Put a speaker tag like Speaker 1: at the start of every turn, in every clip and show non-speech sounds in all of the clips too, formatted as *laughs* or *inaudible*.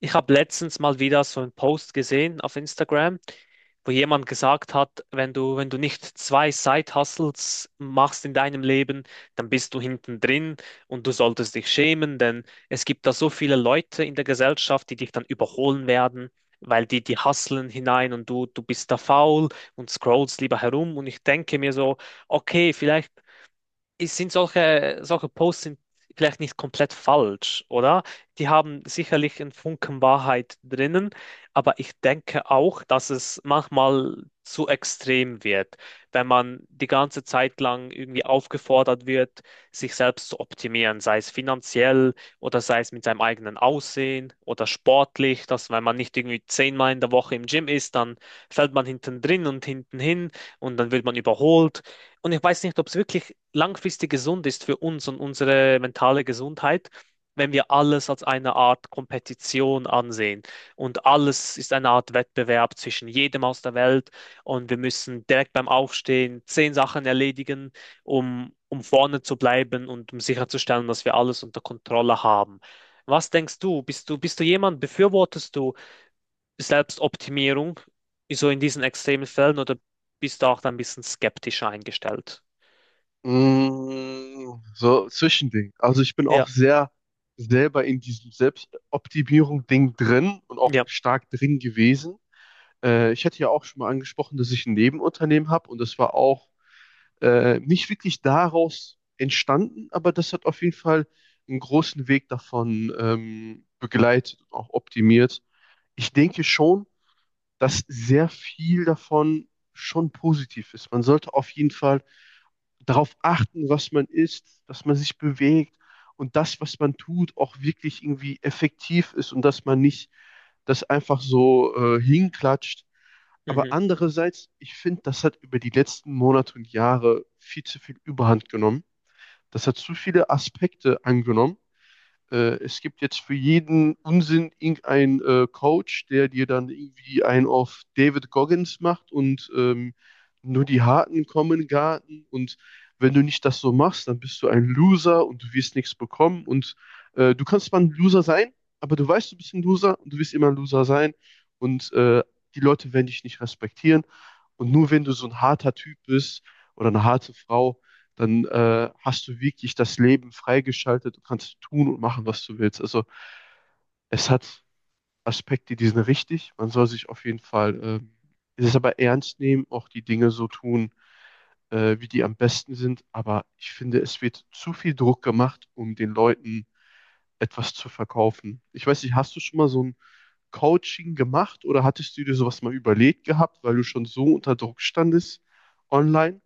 Speaker 1: Ich habe letztens mal wieder so einen Post gesehen auf Instagram, wo jemand gesagt hat, wenn du nicht zwei Side-Hustles machst in deinem Leben, dann bist du hinten drin und du solltest dich schämen, denn es gibt da so viele Leute in der Gesellschaft, die dich dann überholen werden, weil die hustlen hinein und du bist da faul und scrollst lieber herum. Und ich denke mir so, okay, vielleicht es sind solche Posts sind vielleicht nicht komplett falsch, oder? Die haben sicherlich einen Funken Wahrheit drinnen, aber ich denke auch, dass es manchmal zu extrem wird, wenn man die ganze Zeit lang irgendwie aufgefordert wird, sich selbst zu optimieren, sei es finanziell oder sei es mit seinem eigenen Aussehen oder sportlich, dass wenn man nicht irgendwie 10-mal in der Woche im Gym ist, dann fällt man hinten drin und hinten hin und dann wird man überholt. Und ich weiß nicht, ob es wirklich langfristig gesund ist für uns und unsere mentale Gesundheit, wenn wir alles als eine Art Kompetition ansehen. Und alles ist eine Art Wettbewerb zwischen jedem aus der Welt. Und wir müssen direkt beim Aufstehen 10 Sachen erledigen, um vorne zu bleiben und um sicherzustellen, dass wir alles unter Kontrolle haben. Was denkst du? Bist du jemand, befürwortest du Selbstoptimierung, so in diesen extremen Fällen, oder bist du auch da ein bisschen skeptischer eingestellt?
Speaker 2: Mm, so, Zwischending. Also ich bin
Speaker 1: Ja,
Speaker 2: auch sehr selber in diesem Selbstoptimierung-Ding drin und auch
Speaker 1: ja.
Speaker 2: stark drin gewesen. Ich hatte ja auch schon mal angesprochen, dass ich ein Nebenunternehmen habe, und das war auch nicht wirklich daraus entstanden, aber das hat auf jeden Fall einen großen Weg davon begleitet und auch optimiert. Ich denke schon, dass sehr viel davon schon positiv ist. Man sollte auf jeden Fall darauf achten, was man isst, dass man sich bewegt, und das, was man tut, auch wirklich irgendwie effektiv ist und dass man nicht das einfach so hinklatscht.
Speaker 1: Mhm.
Speaker 2: Aber andererseits, ich finde, das hat über die letzten Monate und Jahre viel zu viel Überhand genommen. Das hat zu viele Aspekte angenommen. Es gibt jetzt für jeden Unsinn irgendeinen Coach, der dir dann irgendwie einen auf David Goggins macht, und nur die Harten kommen in den Garten. Und wenn du nicht das so machst, dann bist du ein Loser und du wirst nichts bekommen, und du kannst mal ein Loser sein, aber du weißt, du bist ein Loser und du wirst immer ein Loser sein, und die Leute werden dich nicht respektieren, und nur wenn du so ein harter Typ bist oder eine harte Frau, dann hast du wirklich das Leben freigeschaltet. Du kannst tun und machen, was du willst. Also es hat Aspekte, die sind richtig. Man soll sich auf jeden Fall es aber ernst nehmen, auch die Dinge so tun, wie die am besten sind. Aber ich finde, es wird zu viel Druck gemacht, um den Leuten etwas zu verkaufen. Ich weiß nicht, hast du schon mal so ein Coaching gemacht oder hattest du dir sowas mal überlegt gehabt, weil du schon so unter Druck standest online?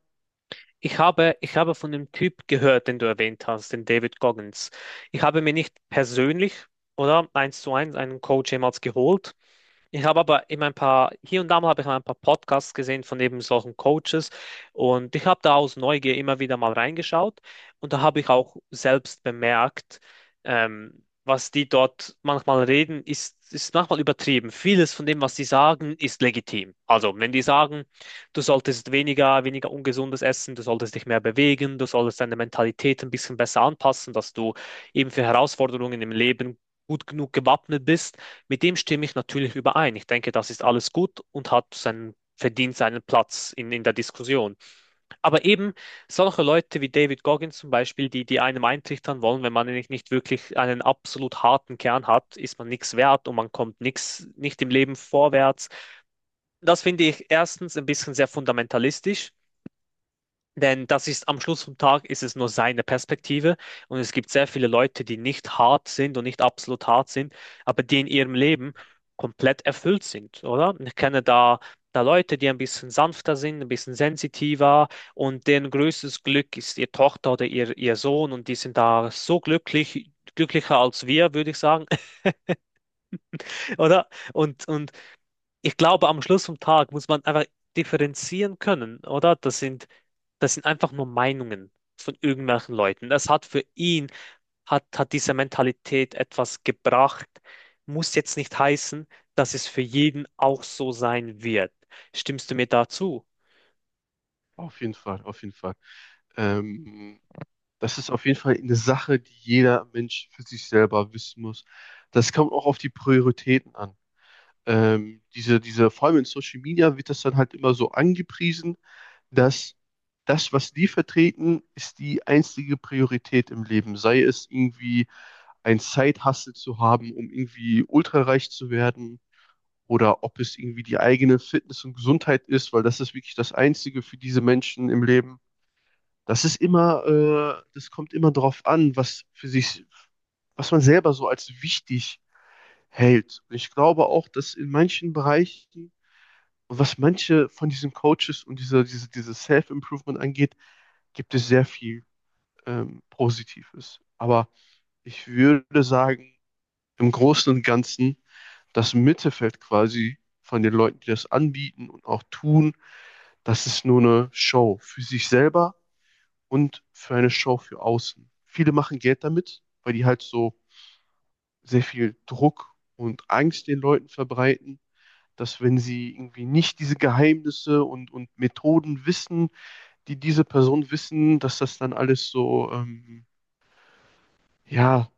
Speaker 1: Ich habe von dem Typ gehört, den du erwähnt hast, den David Goggins. Ich habe mir nicht persönlich oder eins zu eins einen Coach jemals geholt. Ich habe aber eben ein paar, hier und da mal habe ich ein paar Podcasts gesehen von eben solchen Coaches und ich habe da aus Neugier immer wieder mal reingeschaut und da habe ich auch selbst bemerkt, was die dort manchmal reden, ist manchmal übertrieben. Vieles von dem, was sie sagen, ist legitim. Also, wenn die sagen, du solltest weniger ungesundes essen, du solltest dich mehr bewegen, du solltest deine Mentalität ein bisschen besser anpassen, dass du eben für Herausforderungen im Leben gut genug gewappnet bist. Mit dem stimme ich natürlich überein. Ich denke, das ist alles gut und hat verdient seinen Platz in der Diskussion. Aber eben solche Leute wie David Goggins zum Beispiel, die einem eintrichtern wollen, wenn man nicht wirklich einen absolut harten Kern hat, ist man nichts wert und man kommt nicht im Leben vorwärts. Das finde ich erstens ein bisschen sehr fundamentalistisch. Denn das ist am Schluss vom Tag ist es nur seine Perspektive und es gibt sehr viele Leute, die nicht hart sind und nicht absolut hart sind, aber die in ihrem Leben komplett erfüllt sind, oder? Ich kenne da Leute, die ein bisschen sanfter sind, ein bisschen sensitiver und deren größtes Glück ist ihre Tochter oder ihr Sohn und die sind da so glücklich, glücklicher als wir, würde ich sagen, *laughs* oder? Und ich glaube, am Schluss vom Tag muss man einfach differenzieren können, oder? Das sind einfach nur Meinungen von irgendwelchen Leuten. Das hat für ihn, hat, hat diese Mentalität etwas gebracht. Muss jetzt nicht heißen, dass es für jeden auch so sein wird. Stimmst du mir dazu?
Speaker 2: Auf jeden Fall, auf jeden Fall. Ähm, Das ist auf jeden Fall eine Sache, die jeder Mensch für sich selber wissen muss. Das kommt auch auf die Prioritäten an. Vor allem in Social Media wird das dann halt immer so angepriesen, dass das, was die vertreten, ist die einzige Priorität im Leben. Sei es irgendwie ein Side-Hustle zu haben, um irgendwie ultrareich zu werden, oder ob es irgendwie die eigene Fitness und Gesundheit ist, weil das ist wirklich das Einzige für diese Menschen im Leben. Das ist immer, das kommt immer darauf an, was für sich, was man selber so als wichtig hält. Und ich glaube auch, dass in manchen Bereichen, und was manche von diesen Coaches und dieses Self-Improvement angeht, gibt es sehr viel Positives. Aber ich würde sagen, im Großen und Ganzen, das Mittelfeld quasi von den Leuten, die das anbieten und auch tun, das ist nur eine Show für sich selber und für eine Show für außen. Viele machen Geld damit, weil die halt so sehr viel Druck und Angst den Leuten verbreiten, dass wenn sie irgendwie nicht diese Geheimnisse und Methoden wissen, die diese Person wissen, dass das dann alles so, ja,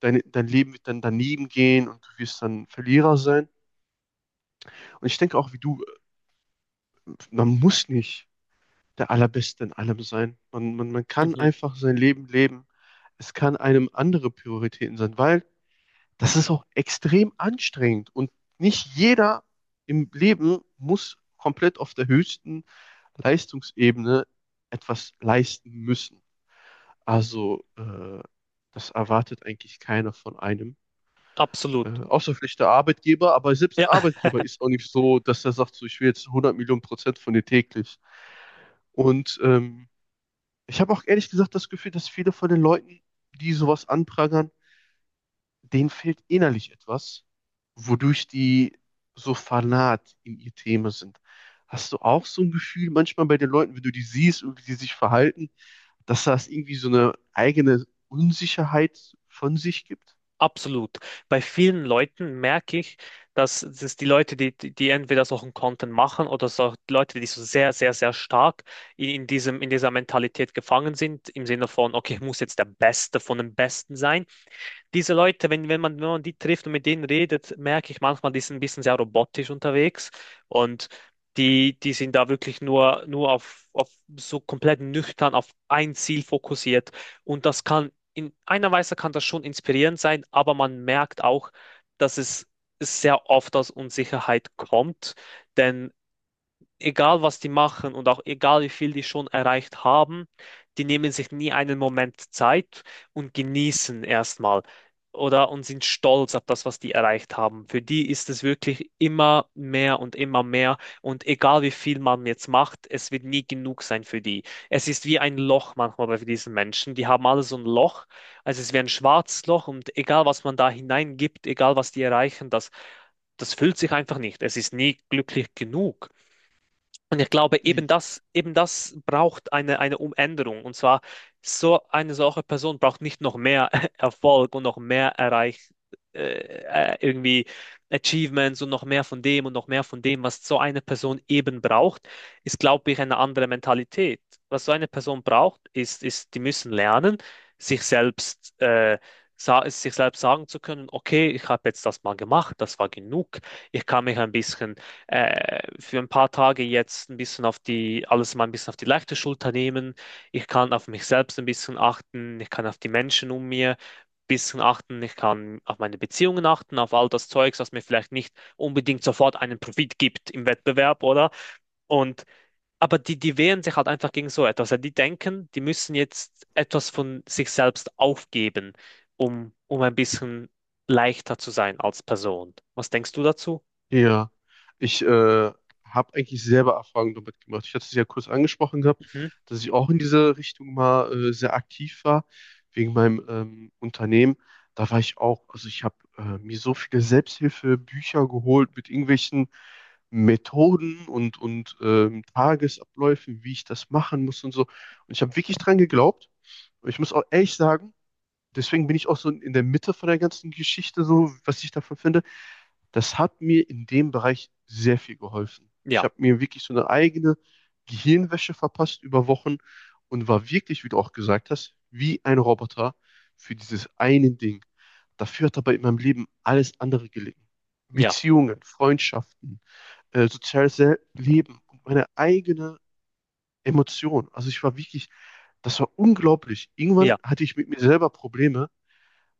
Speaker 2: dein, dein Leben wird dann daneben gehen und du wirst dann Verlierer sein. Und ich denke auch wie du, man muss nicht der Allerbeste in allem sein. Man kann
Speaker 1: Mhm,
Speaker 2: einfach sein Leben leben. Es kann einem andere Prioritäten sein, weil das ist auch extrem anstrengend, und nicht jeder im Leben muss komplett auf der höchsten Leistungsebene etwas leisten müssen. Also das erwartet eigentlich keiner von einem. Äh,
Speaker 1: absolut.
Speaker 2: außer vielleicht der Arbeitgeber, aber selbst
Speaker 1: Ja.
Speaker 2: ein Arbeitgeber ist auch nicht so, dass er sagt, so, ich will jetzt 100 Millionen Prozent von dir täglich. Und ich habe auch ehrlich gesagt das Gefühl, dass viele von den Leuten, die sowas anprangern, denen fehlt innerlich etwas, wodurch die so fanat in ihr Thema sind. Hast du auch so ein Gefühl manchmal bei den Leuten, wenn du die siehst und wie die sich verhalten, dass das irgendwie so eine eigene Unsicherheit von sich gibt?
Speaker 1: Absolut. Bei vielen Leuten merke ich, dass es die Leute, die entweder solchen Content machen oder so die Leute, die so sehr, sehr, sehr stark in dieser Mentalität gefangen sind, im Sinne von, okay, ich muss jetzt der Beste von den Besten sein. Diese Leute, wenn man die trifft und mit denen redet, merke ich manchmal, die sind ein bisschen sehr robotisch unterwegs und die sind da wirklich nur auf so komplett nüchtern auf ein Ziel fokussiert. In einer Weise kann das schon inspirierend sein, aber man merkt auch, dass es sehr oft aus Unsicherheit kommt, denn egal was die machen und auch egal wie viel die schon erreicht haben, die nehmen sich nie einen Moment Zeit und genießen erstmal oder und sind stolz auf das, was die erreicht haben. Für die ist es wirklich immer mehr und egal wie viel man jetzt macht, es wird nie genug sein für die. Es ist wie ein Loch manchmal bei diesen Menschen. Die haben alle so ein Loch, also es ist wie ein schwarzes Loch und egal was man da hineingibt, egal was die erreichen, das füllt sich einfach nicht. Es ist nie glücklich genug. Und ich glaube, eben das braucht eine Umänderung. Und zwar, so eine solche Person braucht nicht noch mehr *laughs* Erfolg und noch mehr äh, irgendwie Achievements und noch mehr von dem und noch mehr von dem, was so eine Person eben braucht, ist, glaube ich, eine andere Mentalität. Was so eine Person braucht, ist, die müssen lernen, sich selbst, sich selbst sagen zu können, okay, ich habe jetzt das mal gemacht, das war genug, ich kann mich ein bisschen für ein paar Tage jetzt ein bisschen alles mal ein bisschen auf die leichte Schulter nehmen. Ich kann auf mich selbst ein bisschen achten. Ich kann auf die Menschen um mir ein bisschen achten. Ich kann auf meine Beziehungen achten, auf all das Zeugs, was mir vielleicht nicht unbedingt sofort einen Profit gibt im Wettbewerb, oder? Und aber die wehren sich halt einfach gegen so etwas. Ja, die denken, die müssen jetzt etwas von sich selbst aufgeben, um ein bisschen leichter zu sein als Person. Was denkst du dazu?
Speaker 2: Ja, ich habe eigentlich selber Erfahrungen damit gemacht. Ich hatte es ja kurz angesprochen gehabt,
Speaker 1: Mhm.
Speaker 2: dass ich auch in diese Richtung mal sehr aktiv war, wegen meinem Unternehmen. Da war ich auch, also ich habe mir so viele Selbsthilfebücher geholt mit irgendwelchen Methoden und Tagesabläufen, wie ich das machen muss und so. Und ich habe wirklich dran geglaubt. Und ich muss auch ehrlich sagen, deswegen bin ich auch so in der Mitte von der ganzen Geschichte, so was ich davon finde. Das hat mir in dem Bereich sehr viel geholfen. Ich
Speaker 1: Ja,
Speaker 2: habe mir wirklich so eine eigene Gehirnwäsche verpasst über Wochen und war wirklich, wie du auch gesagt hast, wie ein Roboter für dieses eine Ding. Dafür hat aber in meinem Leben alles andere gelegen.
Speaker 1: ja.
Speaker 2: Beziehungen, Freundschaften, soziales Leben und meine eigene Emotion. Also ich war wirklich, das war unglaublich. Irgendwann
Speaker 1: Ja,
Speaker 2: hatte ich mit mir selber Probleme,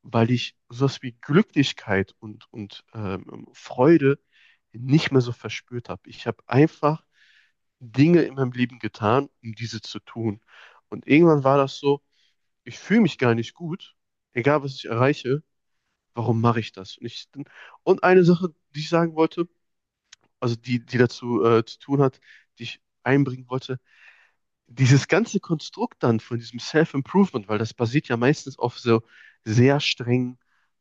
Speaker 2: weil ich sowas wie Glücklichkeit und Freude nicht mehr so verspürt habe. Ich habe einfach Dinge in meinem Leben getan, um diese zu tun. Und irgendwann war das so, ich fühle mich gar nicht gut, egal was ich erreiche, warum mache ich das? Und eine Sache, die ich sagen wollte, also die, die dazu zu tun hat, die ich einbringen wollte, dieses ganze Konstrukt dann von diesem Self-Improvement, weil das basiert ja meistens auf so sehr strengen,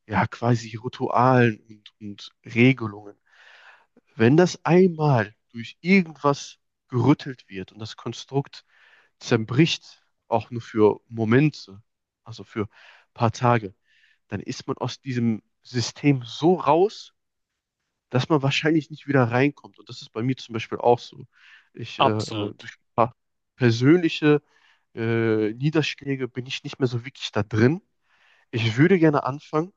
Speaker 2: ja, quasi Ritualen und Regelungen. Wenn das einmal durch irgendwas gerüttelt wird und das Konstrukt zerbricht, auch nur für Momente, also für ein paar Tage, dann ist man aus diesem System so raus, dass man wahrscheinlich nicht wieder reinkommt. Und das ist bei mir zum Beispiel auch so. Ich,
Speaker 1: absolut.
Speaker 2: durch ein paar persönliche Niederschläge bin ich nicht mehr so wirklich da drin. Ich würde gerne anfangen,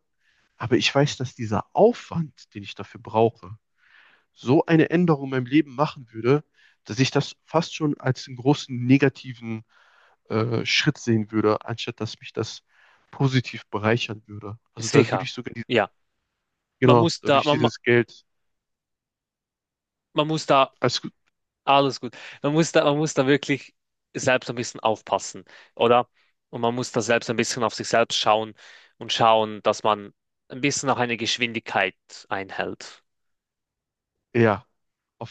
Speaker 2: aber ich weiß, dass dieser Aufwand, den ich dafür brauche, so eine Änderung in meinem Leben machen würde, dass ich das fast schon als einen großen negativen Schritt sehen würde, anstatt dass mich das positiv bereichern würde. Also da würde
Speaker 1: Sicher.
Speaker 2: ich sogar, die,
Speaker 1: Ja, man
Speaker 2: genau,
Speaker 1: muss
Speaker 2: da würde
Speaker 1: da,
Speaker 2: ich
Speaker 1: man,
Speaker 2: dieses Geld
Speaker 1: man muss da,
Speaker 2: als,
Speaker 1: alles gut. Man muss da wirklich selbst ein bisschen aufpassen, oder? Und man muss da selbst ein bisschen auf sich selbst schauen und schauen, dass man ein bisschen auch eine Geschwindigkeit einhält.
Speaker 2: ja, auf